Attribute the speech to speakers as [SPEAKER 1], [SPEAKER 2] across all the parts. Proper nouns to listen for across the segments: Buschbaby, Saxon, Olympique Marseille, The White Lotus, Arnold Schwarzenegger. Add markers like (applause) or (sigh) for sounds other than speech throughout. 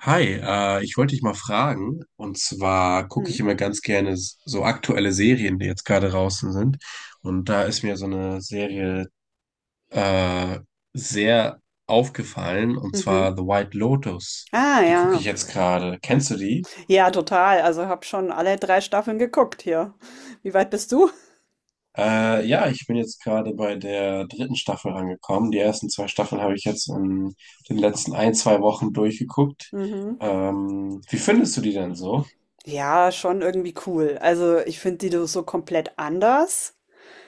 [SPEAKER 1] Hi, ich wollte dich mal fragen, und zwar gucke ich
[SPEAKER 2] Mhm.
[SPEAKER 1] immer ganz gerne so aktuelle Serien, die jetzt gerade draußen sind. Und da ist mir so eine Serie äh, sehr aufgefallen, und zwar
[SPEAKER 2] Mhm.
[SPEAKER 1] The White Lotus.
[SPEAKER 2] Ah,
[SPEAKER 1] Die gucke
[SPEAKER 2] ja.
[SPEAKER 1] ich jetzt gerade. Kennst du die?
[SPEAKER 2] Ja, total. Also habe schon alle drei Staffeln geguckt hier. Wie weit bist du?
[SPEAKER 1] Ja, ich bin jetzt gerade bei der dritten Staffel rangekommen. Die ersten zwei Staffeln habe ich jetzt in den letzten ein, zwei Wochen durchgeguckt.
[SPEAKER 2] Mhm.
[SPEAKER 1] Wie findest du die denn so?
[SPEAKER 2] Ja, schon irgendwie cool. Also ich finde die so komplett anders.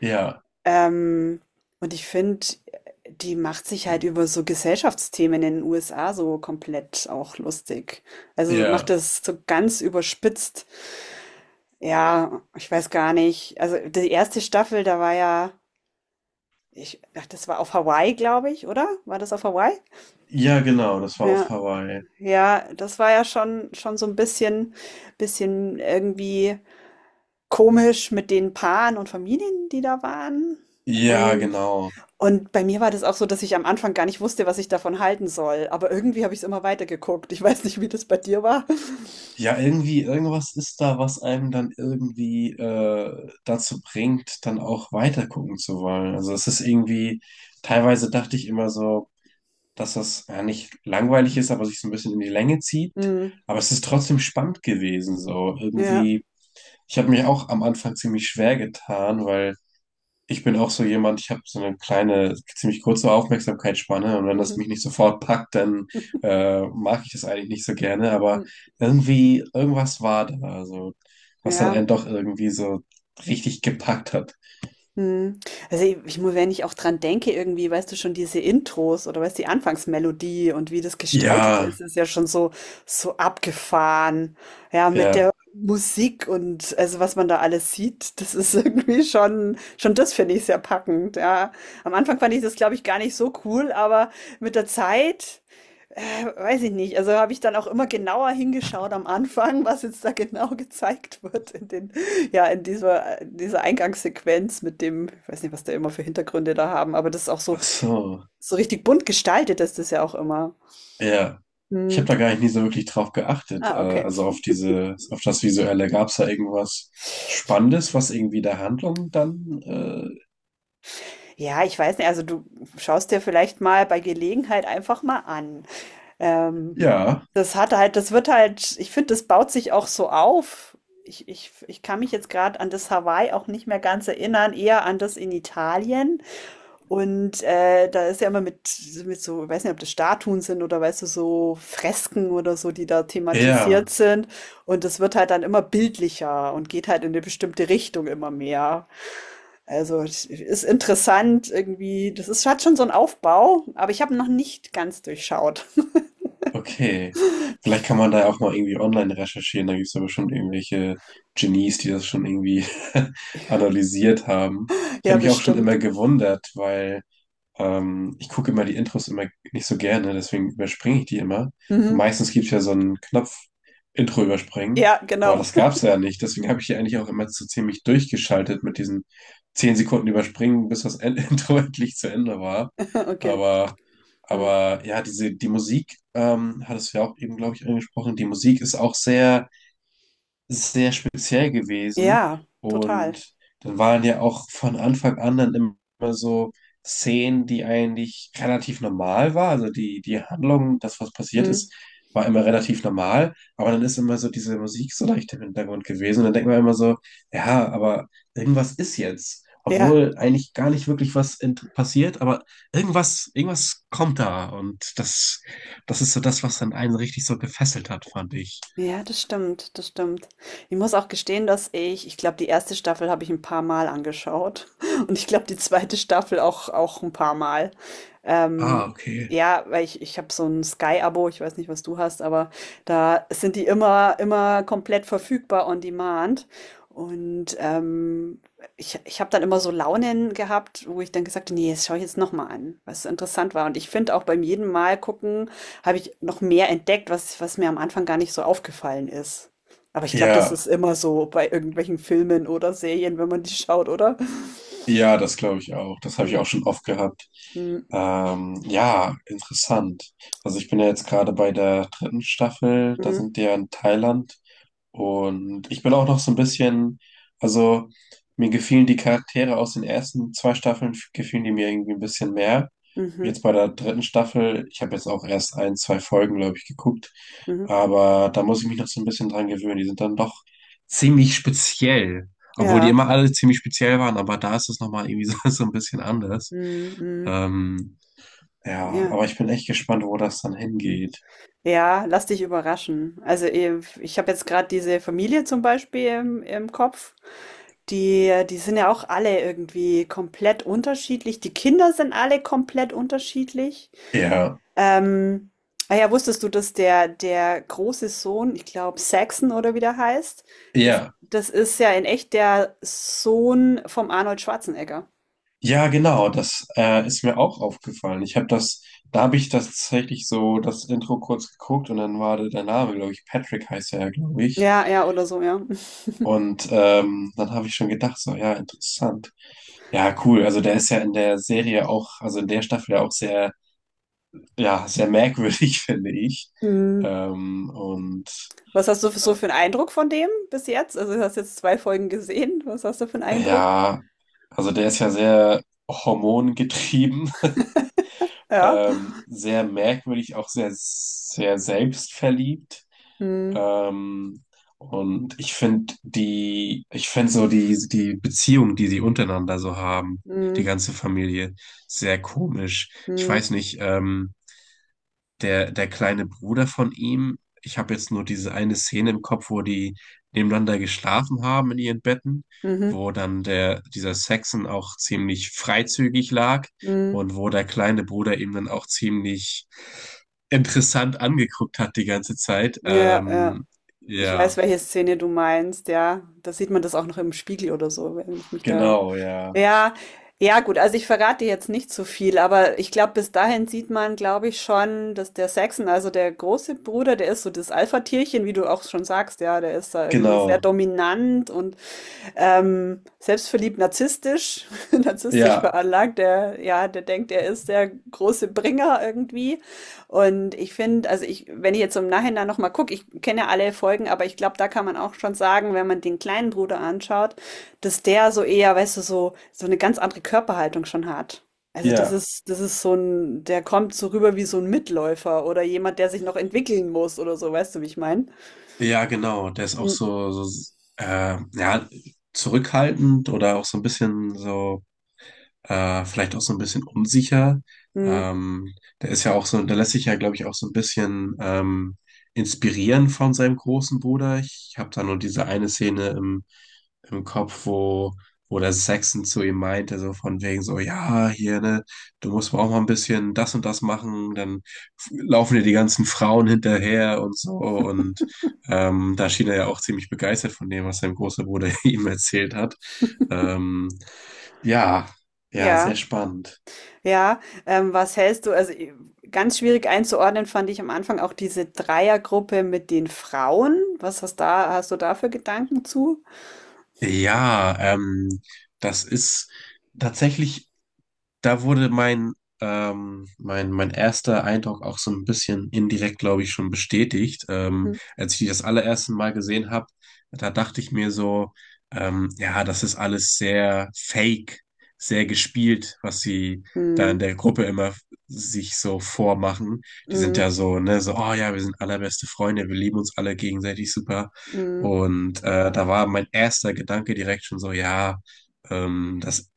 [SPEAKER 1] Ja,
[SPEAKER 2] Ähm, und ich finde, die macht sich halt über so Gesellschaftsthemen in den USA so komplett auch lustig. Also macht
[SPEAKER 1] ja.
[SPEAKER 2] das so ganz überspitzt. Ja, ich weiß gar nicht. Also die erste Staffel, da war ja, das war auf Hawaii, glaube ich, oder? War das auf Hawaii?
[SPEAKER 1] Ja, genau, das war auf
[SPEAKER 2] Ja,
[SPEAKER 1] Hawaii.
[SPEAKER 2] ja, das war ja schon so ein bisschen irgendwie komisch mit den Paaren und Familien, die da waren.
[SPEAKER 1] Ja,
[SPEAKER 2] Und
[SPEAKER 1] genau.
[SPEAKER 2] und bei mir war das auch so, dass ich am Anfang gar nicht wusste, was ich davon halten soll, aber irgendwie habe ich's immer weitergeguckt. Ich weiß nicht, wie das bei dir war. (laughs)
[SPEAKER 1] Ja, irgendwie, irgendwas ist da, was einem dann irgendwie dazu bringt, dann auch weiter gucken zu wollen. Also es ist irgendwie, teilweise dachte ich immer so, dass das ja nicht langweilig ist, aber sich so ein bisschen in die Länge zieht.
[SPEAKER 2] Mhm.
[SPEAKER 1] Aber es ist trotzdem spannend gewesen, so
[SPEAKER 2] Ja.
[SPEAKER 1] irgendwie. Ich habe mich auch am Anfang ziemlich schwer getan, weil ich bin auch so jemand, ich habe so eine kleine, ziemlich kurze Aufmerksamkeitsspanne und wenn das
[SPEAKER 2] Mhm.
[SPEAKER 1] mich nicht sofort packt, dann mag ich das eigentlich nicht so gerne, aber
[SPEAKER 2] Hm.
[SPEAKER 1] irgendwie, irgendwas war da, also was dann
[SPEAKER 2] Ja.
[SPEAKER 1] einen doch irgendwie so richtig gepackt hat.
[SPEAKER 2] Mhm. Also i ich muss, wenn ich auch dran denke, irgendwie, weißt du, schon diese Intros oder, weißt du, die Anfangsmelodie und wie das gestaltet
[SPEAKER 1] Ja,
[SPEAKER 2] ist, ist ja schon so so abgefahren. Ja, mit der
[SPEAKER 1] ja,
[SPEAKER 2] Musik und also, was man da alles sieht, das ist (laughs) irgendwie schon, das finde ich sehr packend, ja. Am Anfang fand ich das, glaube ich, gar nicht so cool, aber mit der Zeit, weiß ich nicht. Also habe ich dann auch immer genauer hingeschaut am Anfang, (laughs) was jetzt da genau gezeigt wird in den, ja, in dieser Eingangssequenz mit dem, ich weiß nicht, was da immer für Hintergründe da haben, aber das ist auch so,
[SPEAKER 1] ach so,
[SPEAKER 2] so richtig bunt gestaltet ist das ja auch immer.
[SPEAKER 1] ja. Ich
[SPEAKER 2] Hm.
[SPEAKER 1] habe da gar nicht nie so wirklich drauf geachtet,
[SPEAKER 2] Ah, okay.
[SPEAKER 1] also auf diese, auf das Visuelle. Gab es da irgendwas Spannendes, was irgendwie der Handlung dann,
[SPEAKER 2] Ja, ich weiß nicht, also du schaust dir vielleicht mal bei Gelegenheit einfach mal an. Ähm,
[SPEAKER 1] ja,
[SPEAKER 2] das hat halt, das wird halt, ich finde, das baut sich auch so auf. Ich kann mich jetzt gerade an das Hawaii auch nicht mehr ganz erinnern, eher an das in Italien. Und da ist ja immer mit so, ich weiß nicht, ob das Statuen sind oder, weißt du, so Fresken oder so, die da thematisiert
[SPEAKER 1] ja.
[SPEAKER 2] sind. Und das wird halt dann immer bildlicher und geht halt in eine bestimmte Richtung immer mehr. Also es ist interessant irgendwie, das ist, hat schon so einen Aufbau, aber ich habe noch nicht ganz durchschaut. (laughs)
[SPEAKER 1] Okay. Vielleicht kann man da ja auch mal irgendwie online recherchieren. Da gibt es ja bestimmt irgendwelche Genies, die das schon irgendwie (laughs) analysiert haben. Ich
[SPEAKER 2] Ja,
[SPEAKER 1] habe mich auch schon
[SPEAKER 2] bestimmt.
[SPEAKER 1] immer gewundert, weil. Ich gucke immer die Intros immer nicht so gerne, deswegen überspringe ich die immer. Und
[SPEAKER 2] Mhm.
[SPEAKER 1] meistens gibt es ja so einen Knopf Intro überspringen,
[SPEAKER 2] Ja,
[SPEAKER 1] aber
[SPEAKER 2] genau.
[SPEAKER 1] das gab
[SPEAKER 2] (laughs)
[SPEAKER 1] es ja nicht. Deswegen habe ich hier eigentlich auch immer so ziemlich durchgeschaltet mit diesen 10 Sekunden überspringen, bis das End (laughs) Intro endlich zu Ende war.
[SPEAKER 2] Okay.
[SPEAKER 1] Aber,
[SPEAKER 2] Mhm.
[SPEAKER 1] aber ja, diese, die Musik, hattest du ja auch eben, glaube ich, angesprochen, die Musik ist auch sehr sehr speziell gewesen.
[SPEAKER 2] Ja, total.
[SPEAKER 1] Und dann waren ja auch von Anfang an dann immer so Szenen, die eigentlich relativ normal war. Also die, die Handlung, das, was passiert
[SPEAKER 2] Mhm.
[SPEAKER 1] ist, war immer relativ normal. Aber dann ist immer so diese Musik so leicht im Hintergrund gewesen. Und dann denkt man immer so, ja, aber irgendwas ist jetzt.
[SPEAKER 2] Ja.
[SPEAKER 1] Obwohl eigentlich gar nicht wirklich was passiert, aber irgendwas, irgendwas kommt da. Und das, das ist so das, was dann einen richtig so gefesselt hat, fand ich.
[SPEAKER 2] Ja, das stimmt, das stimmt. Ich muss auch gestehen, dass ich glaube, die erste Staffel habe ich ein paar Mal angeschaut (laughs) und ich glaube, die zweite Staffel auch, auch ein paar Mal.
[SPEAKER 1] Ah,
[SPEAKER 2] Ähm,
[SPEAKER 1] okay.
[SPEAKER 2] ja, weil ich habe so ein Sky-Abo, ich weiß nicht, was du hast, aber da sind die immer, immer komplett verfügbar on demand. Und ich, ich habe dann immer so Launen gehabt, wo ich dann gesagt habe, nee, das schaue ich jetzt nochmal an, was interessant war. Und ich finde auch beim jeden Mal gucken, habe ich noch mehr entdeckt, was was mir am Anfang gar nicht so aufgefallen ist. Aber ich glaube, das
[SPEAKER 1] Ja,
[SPEAKER 2] ist immer so bei irgendwelchen Filmen oder Serien, wenn man die schaut, oder?
[SPEAKER 1] ja, das glaube ich auch. Das habe ich
[SPEAKER 2] Mhm,
[SPEAKER 1] auch schon oft gehabt.
[SPEAKER 2] mhm,
[SPEAKER 1] Ja, interessant. Also ich bin ja jetzt gerade bei der dritten Staffel. Da
[SPEAKER 2] mhm,
[SPEAKER 1] sind die ja in Thailand. Und ich bin auch noch so ein bisschen, also mir gefielen die Charaktere aus den ersten zwei Staffeln, gefielen die mir irgendwie ein bisschen mehr.
[SPEAKER 2] mhm,
[SPEAKER 1] Jetzt bei der dritten Staffel, ich habe jetzt auch erst ein, zwei Folgen, glaube ich, geguckt,
[SPEAKER 2] mhm.
[SPEAKER 1] aber da muss ich mich noch so ein bisschen dran gewöhnen. Die sind dann doch ziemlich speziell, obwohl die
[SPEAKER 2] Ja.
[SPEAKER 1] immer alle ziemlich speziell waren, aber da ist es nochmal irgendwie so, (laughs) so ein bisschen anders.
[SPEAKER 2] Mhm, mhm.
[SPEAKER 1] Ähm, ja,
[SPEAKER 2] Ja.
[SPEAKER 1] aber ich bin echt gespannt, wo das dann hingeht.
[SPEAKER 2] Ja, lass dich überraschen. Also, ich habe jetzt gerade diese Familie zum Beispiel im im Kopf. Die die sind ja auch alle irgendwie komplett unterschiedlich. Die Kinder sind alle komplett unterschiedlich.
[SPEAKER 1] Ja,
[SPEAKER 2] Ähm, ah ja, wusstest du, dass der, der große Sohn, ich glaube Saxon oder wie der heißt, das,
[SPEAKER 1] ja.
[SPEAKER 2] das ist ja in echt der Sohn vom Arnold Schwarzenegger.
[SPEAKER 1] Ja, genau, das ist mir auch aufgefallen. Ich habe das, da habe ich das tatsächlich so das Intro kurz geguckt und dann war da der Name, glaube ich, Patrick heißt er, glaube ich.
[SPEAKER 2] Ja, ja, oder so, ja. (laughs)
[SPEAKER 1] Und dann habe ich schon gedacht, so, ja, interessant. Ja, cool. Also der ist ja in der Serie auch, also in der Staffel ja auch sehr, ja, sehr merkwürdig, (laughs) finde ich.
[SPEAKER 2] Mhm.
[SPEAKER 1] Ähm, und
[SPEAKER 2] Was hast du für,
[SPEAKER 1] äh,
[SPEAKER 2] so für einen Eindruck von dem bis jetzt? Also, du hast jetzt zwei Folgen gesehen. Was hast du für einen Eindruck?
[SPEAKER 1] ja, also der ist ja sehr hormongetrieben (laughs)
[SPEAKER 2] Ja.
[SPEAKER 1] sehr merkwürdig, auch sehr, sehr selbstverliebt.
[SPEAKER 2] Mhm.
[SPEAKER 1] Ähm, und ich finde die, ich finde so die, die Beziehung, die sie untereinander so haben, die
[SPEAKER 2] Mhm.
[SPEAKER 1] ganze Familie, sehr komisch. Ich weiß
[SPEAKER 2] Mhm.
[SPEAKER 1] nicht, der, der kleine Bruder von ihm. Ich habe jetzt nur diese eine Szene im Kopf, wo die nebeneinander geschlafen haben in ihren Betten,
[SPEAKER 2] Mhm.
[SPEAKER 1] wo dann der, dieser Saxon auch ziemlich freizügig lag
[SPEAKER 2] Mhm.
[SPEAKER 1] und wo der kleine Bruder ihm dann auch ziemlich interessant angeguckt hat die ganze Zeit.
[SPEAKER 2] Ja, ja.
[SPEAKER 1] Ähm,
[SPEAKER 2] Ich
[SPEAKER 1] ja,
[SPEAKER 2] weiß, welche Szene du meinst, ja. Da sieht man das auch noch im Spiegel oder so, wenn ich mich da.
[SPEAKER 1] genau, ja,
[SPEAKER 2] Ja, ja gut, also ich verrate jetzt nicht so viel, aber ich glaube, bis dahin sieht man, glaube ich, schon, dass der Saxon, also der große Bruder, der ist so das Alpha-Tierchen, wie du auch schon sagst, ja, der ist da irgendwie sehr
[SPEAKER 1] genau,
[SPEAKER 2] dominant und selbstverliebt, narzisstisch, (laughs) narzisstisch
[SPEAKER 1] ja,
[SPEAKER 2] veranlagt, der, ja, der denkt, er ist der große Bringer irgendwie. Und ich finde, also ich, wenn ich jetzt im Nachhinein nochmal gucke, ich kenne ja alle Folgen, aber ich glaube, da kann man auch schon sagen, wenn man den kleinen Bruder anschaut, dass der so eher, weißt du, so, so eine ganz andere Körperhaltung schon hat. Also
[SPEAKER 1] ja,
[SPEAKER 2] das ist so ein, der kommt so rüber wie so ein Mitläufer oder jemand, der sich noch entwickeln muss oder so, weißt du, wie ich meine?
[SPEAKER 1] ja, genau. Der ist auch so, so ja, zurückhaltend oder auch so ein bisschen so. Vielleicht auch so ein bisschen unsicher.
[SPEAKER 2] Mhm.
[SPEAKER 1] Ähm, der ist ja auch so, der lässt sich ja, glaube ich, auch so ein bisschen inspirieren von seinem großen Bruder. Ich habe da nur diese eine Szene im, im Kopf, wo, wo der Saxon zu ihm meinte, so von wegen so, ja, hier, ne, du musst mal auch mal ein bisschen das und das machen, dann laufen dir die ganzen Frauen hinterher und so und da schien er ja auch ziemlich begeistert von dem, was sein großer Bruder (laughs) ihm erzählt hat. Ähm, ja, ja, sehr
[SPEAKER 2] Ja.
[SPEAKER 1] spannend.
[SPEAKER 2] Ja, was hältst du? Also ganz schwierig einzuordnen fand ich am Anfang auch diese Dreiergruppe mit den Frauen. Was hast da, hast du da für Gedanken zu?
[SPEAKER 1] Ja, das ist tatsächlich da wurde mein, mein, mein erster Eindruck auch so ein bisschen indirekt, glaube ich, schon bestätigt. Ähm,
[SPEAKER 2] Mhm.
[SPEAKER 1] als ich die das allererste Mal gesehen habe, da dachte ich mir so, ja, das ist alles sehr fake, sehr gespielt, was sie da in
[SPEAKER 2] Mhm.
[SPEAKER 1] der Gruppe immer sich so vormachen. Die sind
[SPEAKER 2] Mhm.
[SPEAKER 1] ja so, ne, so, oh ja, wir sind allerbeste Freunde, wir lieben uns alle gegenseitig super.
[SPEAKER 2] Mhm.
[SPEAKER 1] Und da war mein erster Gedanke direkt schon so, ja, das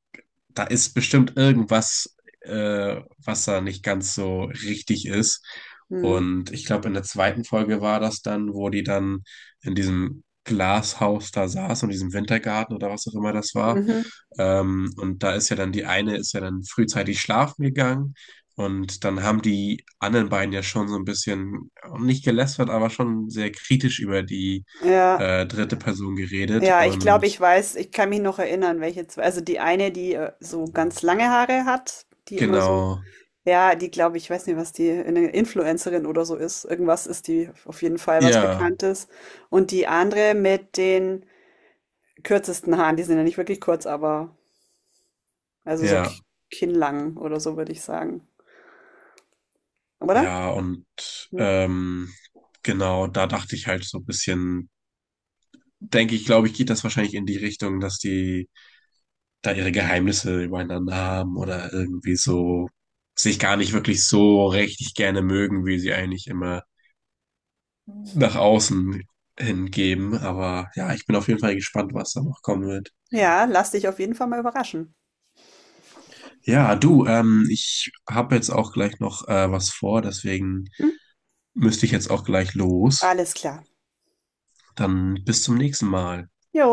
[SPEAKER 1] da ist bestimmt irgendwas, was da nicht ganz so richtig ist.
[SPEAKER 2] Mhm.
[SPEAKER 1] Und ich glaube, in der zweiten Folge war das dann, wo die dann in diesem Glashaus da saß, in diesem Wintergarten oder was auch immer das war.
[SPEAKER 2] Mhm.
[SPEAKER 1] Und da ist ja dann die eine, ist ja dann frühzeitig schlafen gegangen. Und dann haben die anderen beiden ja schon so ein bisschen, nicht gelästert, aber schon sehr kritisch über die
[SPEAKER 2] Ja,
[SPEAKER 1] dritte Person geredet.
[SPEAKER 2] ja, ich glaube, ich
[SPEAKER 1] Und
[SPEAKER 2] weiß, ich kann mich noch erinnern, welche zwei. Also die eine, die so ganz lange Haare hat, die immer so,
[SPEAKER 1] genau,
[SPEAKER 2] ja, die glaube ich, weiß nicht, was die, eine Influencerin oder so ist. Irgendwas ist die auf jeden Fall was
[SPEAKER 1] ja,
[SPEAKER 2] Bekanntes. Und die andere mit den kürzesten Haaren, die sind ja nicht wirklich kurz, aber also so
[SPEAKER 1] ja.
[SPEAKER 2] kinnlang oder so würde ich sagen. Oder?
[SPEAKER 1] Ja, und
[SPEAKER 2] Hm.
[SPEAKER 1] ähm, genau, da dachte ich halt so ein bisschen, denke ich, glaube ich, geht das wahrscheinlich in die Richtung, dass die da ihre Geheimnisse übereinander haben oder irgendwie so sich gar nicht wirklich so richtig gerne mögen, wie sie eigentlich immer nach außen hingeben. Aber ja, ich bin auf jeden Fall gespannt, was da noch kommen wird.
[SPEAKER 2] Ja, lass dich auf jeden Fall mal überraschen.
[SPEAKER 1] Ja, du, ich habe jetzt auch gleich noch was vor, deswegen
[SPEAKER 2] Hm?
[SPEAKER 1] müsste ich jetzt auch gleich los.
[SPEAKER 2] Alles klar.
[SPEAKER 1] Dann bis zum nächsten Mal.
[SPEAKER 2] Jo.